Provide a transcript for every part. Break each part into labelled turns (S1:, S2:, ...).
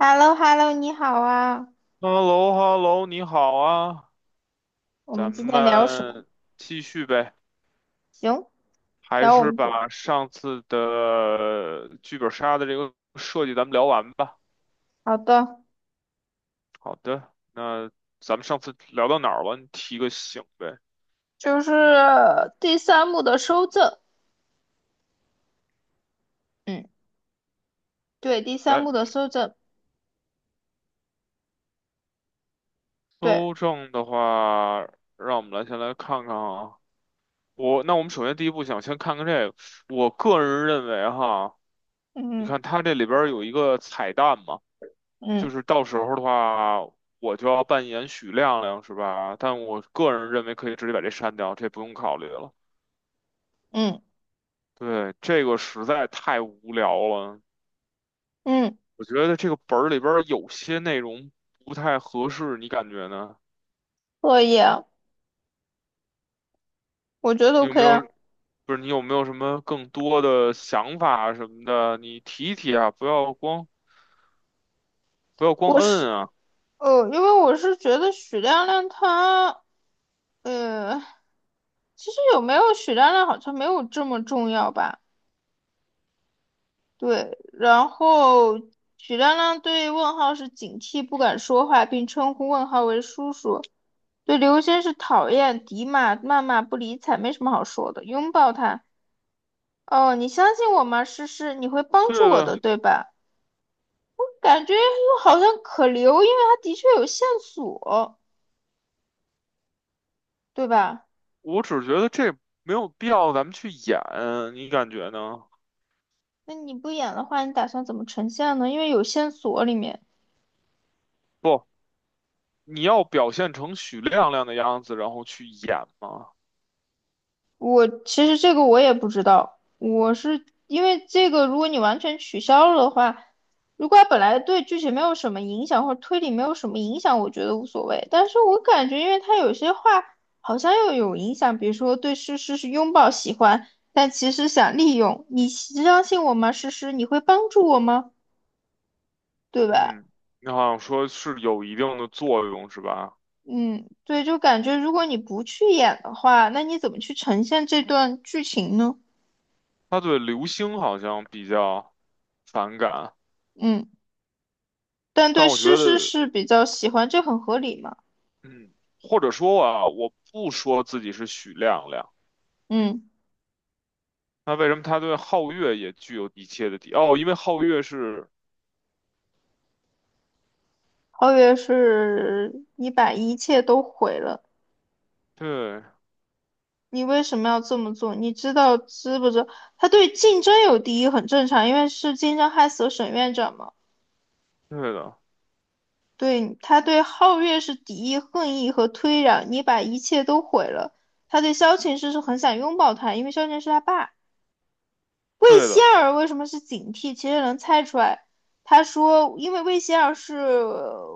S1: h e l l o h e l l o 你好啊。
S2: h e l l o h e l l o 你好啊，
S1: 我
S2: 咱
S1: 们今天聊什么？
S2: 们继续呗，
S1: 行，
S2: 还
S1: 聊我
S2: 是
S1: 们姐。
S2: 把上次的剧本杀的这个设计咱们聊完吧。
S1: 好的，
S2: 好的，那咱们上次聊到哪儿了？你提个醒呗。
S1: 就是第三幕的收证，嗯，对，第三
S2: 来，
S1: 幕的收证，对，
S2: 搜证的话，让我们来先来看看啊。我，那我们首先第一步想先看看这个，我个人认为哈，你
S1: 嗯
S2: 看它这里边儿有一个彩蛋嘛。就
S1: 嗯
S2: 是到时候的话，我就要扮演许亮亮，是吧？但我个人认为可以直接把这删掉，这不用考虑了。
S1: 嗯
S2: 对，这个实在太无聊了，
S1: 嗯，
S2: 我觉得这个本儿里边儿有些内容不太合适，你感觉呢？
S1: 可以啊，我觉得
S2: 你有没
S1: OK
S2: 有，
S1: 啊。
S2: 不是你有没有什么更多的想法什么的？你提一提啊，不要光
S1: 我是，
S2: 摁啊。
S1: 因为我是觉得许亮亮他，呃，其实有没有许亮亮好像没有这么重要吧。对，然后许亮亮对问号是警惕，不敢说话，并称呼问号为叔叔。对刘星是讨厌、敌骂、谩骂、不理睬，没什么好说的。拥抱他，哦，你相信我吗？诗诗，你会帮
S2: 对
S1: 助我
S2: 的，
S1: 的，对吧？感觉又好像可留，因为他的确有线索，对吧？
S2: 我只觉得这没有必要咱们去演，你感觉呢？
S1: 那你不演的话，你打算怎么呈现呢？因为有线索里面，
S2: 不。你要表现成许亮亮的样子，然后去演吗？
S1: 我其实这个我也不知道，我是因为这个，如果你完全取消了的话，如果它本来对剧情没有什么影响，或者推理没有什么影响，我觉得无所谓。但是我感觉，因为他有些话好像又有影响，比如说对诗诗是拥抱喜欢，但其实想利用你，相信我吗？诗诗，你会帮助我吗？对吧？
S2: 嗯，你好像说是有一定的作用，是吧？
S1: 嗯，对，就感觉如果你不去演的话，那你怎么去呈现这段剧情呢？
S2: 他对刘星好像比较反感，
S1: 嗯。但
S2: 但
S1: 对
S2: 我觉
S1: 诗诗
S2: 得，
S1: 是比较喜欢，这很合理嘛。
S2: 嗯，或者说啊，我不说自己是许亮亮，
S1: 嗯，
S2: 那为什么他对皓月也具有一切的敌？哦，因为皓月是，
S1: 皓月是你把一切都毁了，
S2: 对，
S1: 你为什么要这么做？你知道知不知道？他对竞争有敌意很正常，因为是竞争害死了沈院长嘛。
S2: 对的，
S1: 对，他对皓月是敌意、恨意和推攘。你把一切都毁了，他对萧晴师是很想拥抱他，因为萧晴是他爸。魏
S2: 对
S1: 仙
S2: 的，
S1: 儿为什么是警惕？其实能猜出来。他说，因为魏仙儿是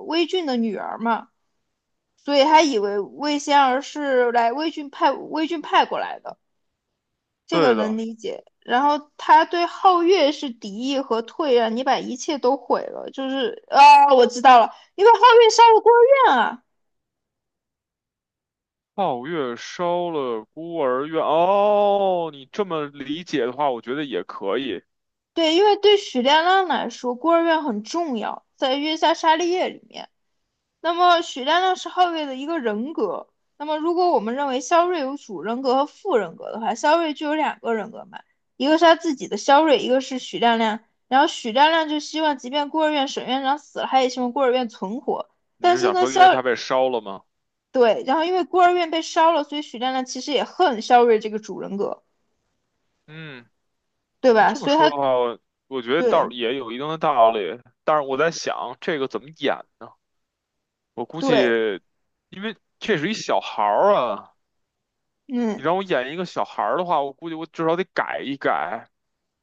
S1: 魏俊的女儿嘛。所以他以为魏仙儿是来魏郡派过来的，这个
S2: 对
S1: 能
S2: 的。
S1: 理解。然后他对皓月是敌意和退让，你把一切都毁了，就是啊，我知道了，因为皓月杀了孤儿院啊，
S2: 皓月烧了孤儿院，哦，你这么理解的话，我觉得也可以。
S1: 对，因为对许亮亮来说，孤儿院很重要，在月下杀利叶里面，那么许亮亮是后卫的一个人格。那么如果我们认为肖瑞有主人格和副人格的话，肖瑞就有两个人格嘛，一个是他自己的肖瑞，一个是许亮亮。然后许亮亮就希望，即便孤儿院沈院长死了，他也希望孤儿院存活。
S2: 你
S1: 但
S2: 是
S1: 是
S2: 想
S1: 呢，
S2: 说因为它被烧了吗？
S1: 对，然后因为孤儿院被烧了，所以许亮亮其实也恨肖瑞这个主人格，
S2: 嗯，
S1: 对
S2: 你
S1: 吧？
S2: 这么
S1: 所以
S2: 说
S1: 他
S2: 的话，我觉得倒
S1: 对
S2: 是也有一定的道理，但是我在想这个怎么演呢？我估计，
S1: 对，
S2: 因为这是一小孩儿啊，你
S1: 嗯。
S2: 让我演一个小孩儿的话，我估计我至少得改一改。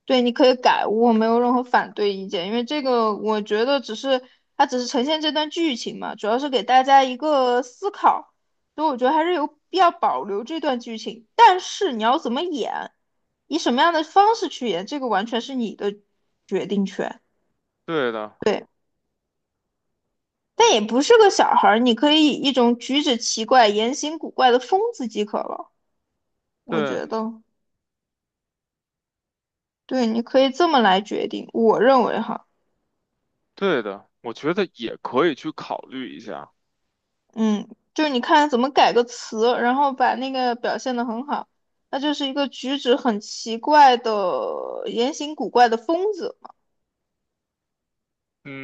S1: 对，你可以改，我没有任何反对意见，因为这个我觉得只是它只是呈现这段剧情嘛，主要是给大家一个思考，所以我觉得还是有必要保留这段剧情。但是你要怎么演，以什么样的方式去演，这个完全是你的决定权。
S2: 对的，
S1: 对，但也不是个小孩儿，你可以以一种举止奇怪、言行古怪的疯子即可了，我
S2: 对，
S1: 觉得。对，你可以这么来决定，我认为哈。
S2: 对的，我觉得也可以去考虑一下。
S1: 嗯，就是你看怎么改个词，然后把那个表现得很好。那就是一个举止很奇怪的、言行古怪的疯子嘛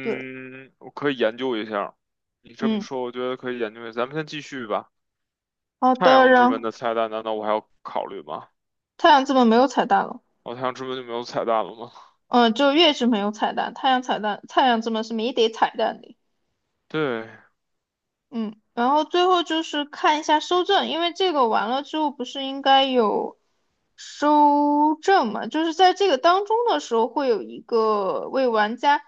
S1: 对，
S2: 我可以研究一下。你这么
S1: 嗯，
S2: 说，我觉得可以研究一下。咱们先继续吧。
S1: 好
S2: 太
S1: 的。
S2: 阳之
S1: 然
S2: 门
S1: 后
S2: 的彩蛋，难道我还要考虑吗？
S1: 太阳之门没有彩蛋了，
S2: 哦，太阳之门就没有彩蛋了吗？
S1: 嗯，就月之门有彩蛋，太阳彩蛋，太阳之门是没得彩蛋的。
S2: 对
S1: 嗯，然后最后就是看一下收证，因为这个完了之后不是应该有收证嘛？就是在这个当中的时候，会有一个为玩家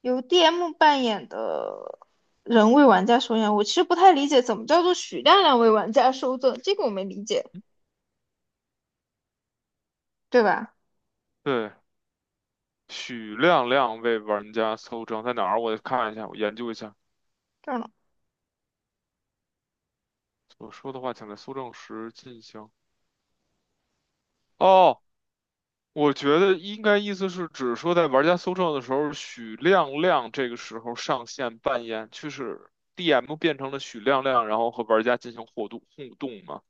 S1: 由 DM 扮演的人为玩家收证。我其实不太理解怎么叫做许亮亮为玩家收证，这个我没理解，对吧？
S2: 对，许亮亮为玩家搜证，在哪儿？我看一下，我研究一下。
S1: 这儿呢？
S2: 我说的话，请在搜证时进行。哦，我觉得应该意思是指说，在玩家搜证的时候，许亮亮这个时候上线扮演，就是 DM 变成了许亮亮，然后和玩家进行互动互动嘛。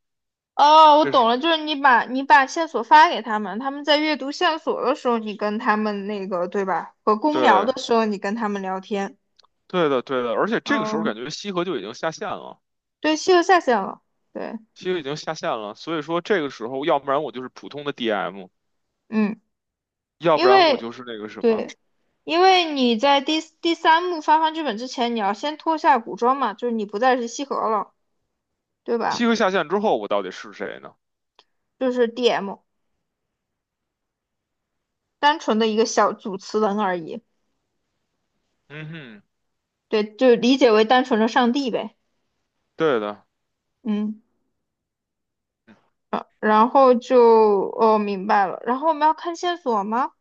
S1: 哦，我
S2: 这
S1: 懂
S2: 是
S1: 了，就是你把线索发给他们，他们在阅读线索的时候，你跟他们那个，对吧？和公聊
S2: 对
S1: 的时候，你跟他们聊天。
S2: 对的对的，而且这个时候
S1: 哦，
S2: 感觉西河就已经下线了，
S1: 对，西游下线了。对，
S2: 西河已经下线了，所以说这个时候，要不然我就是普通的 DM，
S1: 嗯，
S2: 要不
S1: 因
S2: 然我
S1: 为
S2: 就是那个什么。
S1: 对，因为你在第三幕发放剧本之前，你要先脱下古装嘛，就是你不再是西河了，对
S2: 西
S1: 吧？
S2: 河下线之后，我到底是谁呢？
S1: 就是 DM，单纯的一个小主持人而已。
S2: 嗯哼，
S1: 对，就理解为单纯的上帝呗。
S2: 对的，
S1: 嗯，然后就哦明白了。然后我们要看线索吗？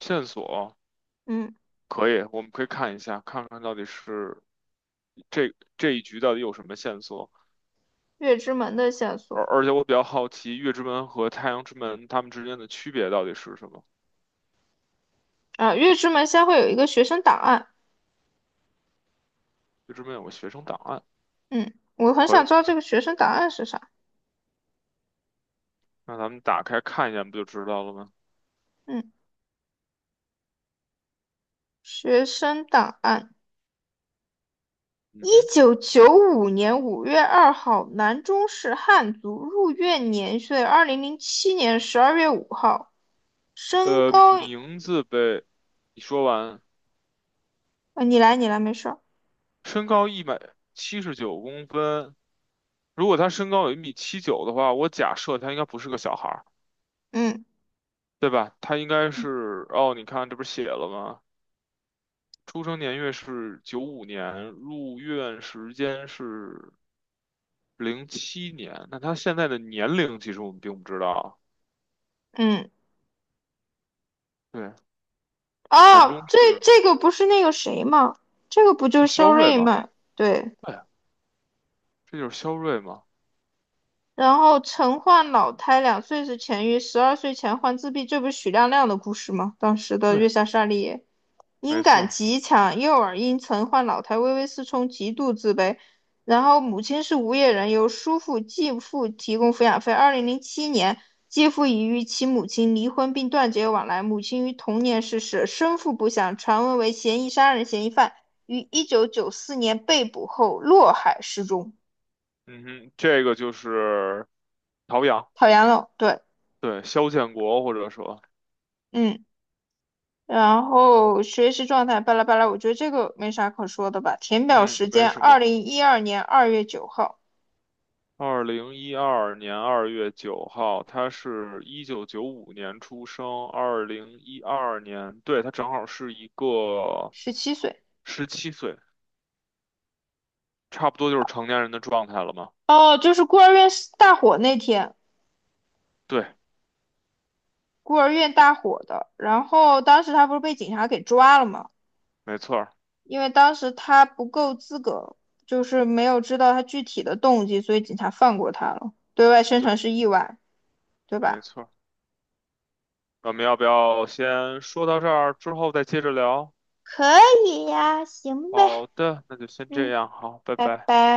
S2: 线索
S1: 嗯，
S2: 可以，我们可以看一下，看看到底是这一局到底有什么线索。
S1: 月之门的线
S2: 而
S1: 索
S2: 而且我比较好奇，月之门和太阳之门它们之间的区别到底是什么？
S1: 啊，月之门先会有一个学生档案。
S2: 月之门有个学生档案，
S1: 嗯，我很
S2: 可以，
S1: 想知道这个学生档案是啥。
S2: 那咱们打开看一下，不就知道了吗？
S1: 嗯。学生档案。一
S2: 嗯哼，
S1: 九九五年五月二号，南中市汉族，入院年岁2007年12月5号，身高……
S2: 名字呗，你说完，
S1: 你来，你来，没事儿。
S2: 身高179公分，如果他身高有1米79的话，我假设他应该不是个小孩。
S1: 嗯
S2: 对吧？他应该是，哦，你看这不是写了吗？出生年月是九五年，入院时间是07年。那他现在的年龄其实我们并不知道。
S1: 嗯，
S2: 对，男
S1: 哦，
S2: 中
S1: 这
S2: 是
S1: 这个不是那个谁吗？这个不就
S2: 是
S1: 是
S2: 肖
S1: 肖
S2: 瑞
S1: 瑞
S2: 吗？
S1: 吗？对。
S2: 对，这就是肖瑞吗？
S1: 然后曾患脑瘫，两岁时痊愈，十二岁前患自闭，这不是许亮亮的故事吗？当时的
S2: 对，
S1: 月下沙利叶音
S2: 没错
S1: 感
S2: 儿
S1: 极强，右耳因曾患老态微微失聪，极度自卑。然后母亲是无业人，由叔父、继父提供抚养费。二零零七年，继父已与其母亲离婚并断绝往来。母亲于同年逝世，生父不详，传闻为嫌疑杀人嫌疑犯，于1994年被捕后落海失踪。
S2: 嗯哼，这个就是陶阳，
S1: 讨厌了，对，
S2: 对，肖建国或者说，
S1: 嗯。然后学习状态巴拉巴拉，我觉得这个没啥可说的吧。填表
S2: 嗯，
S1: 时
S2: 没
S1: 间
S2: 什
S1: 二
S2: 么。
S1: 零一二年二月九号，
S2: 2012年2月9号，他是1995年出生，二零一二年，对，他正好是一个
S1: 17岁。
S2: 17岁，差不多就是成年人的状态了嘛。
S1: 哦，就是孤儿院是大火那天，
S2: 对，
S1: 孤儿院大火的。然后当时他不是被警察给抓了吗？
S2: 没错儿
S1: 因为当时他不够资格，就是没有知道他具体的动机，所以警察放过他了。对外宣
S2: 对，
S1: 传是意外，对
S2: 没
S1: 吧？
S2: 错儿我们要不要先说到这儿，之后再接着聊？
S1: 可以呀，行呗，
S2: 好的，那就先这
S1: 嗯，
S2: 样，好，拜
S1: 拜
S2: 拜。
S1: 拜。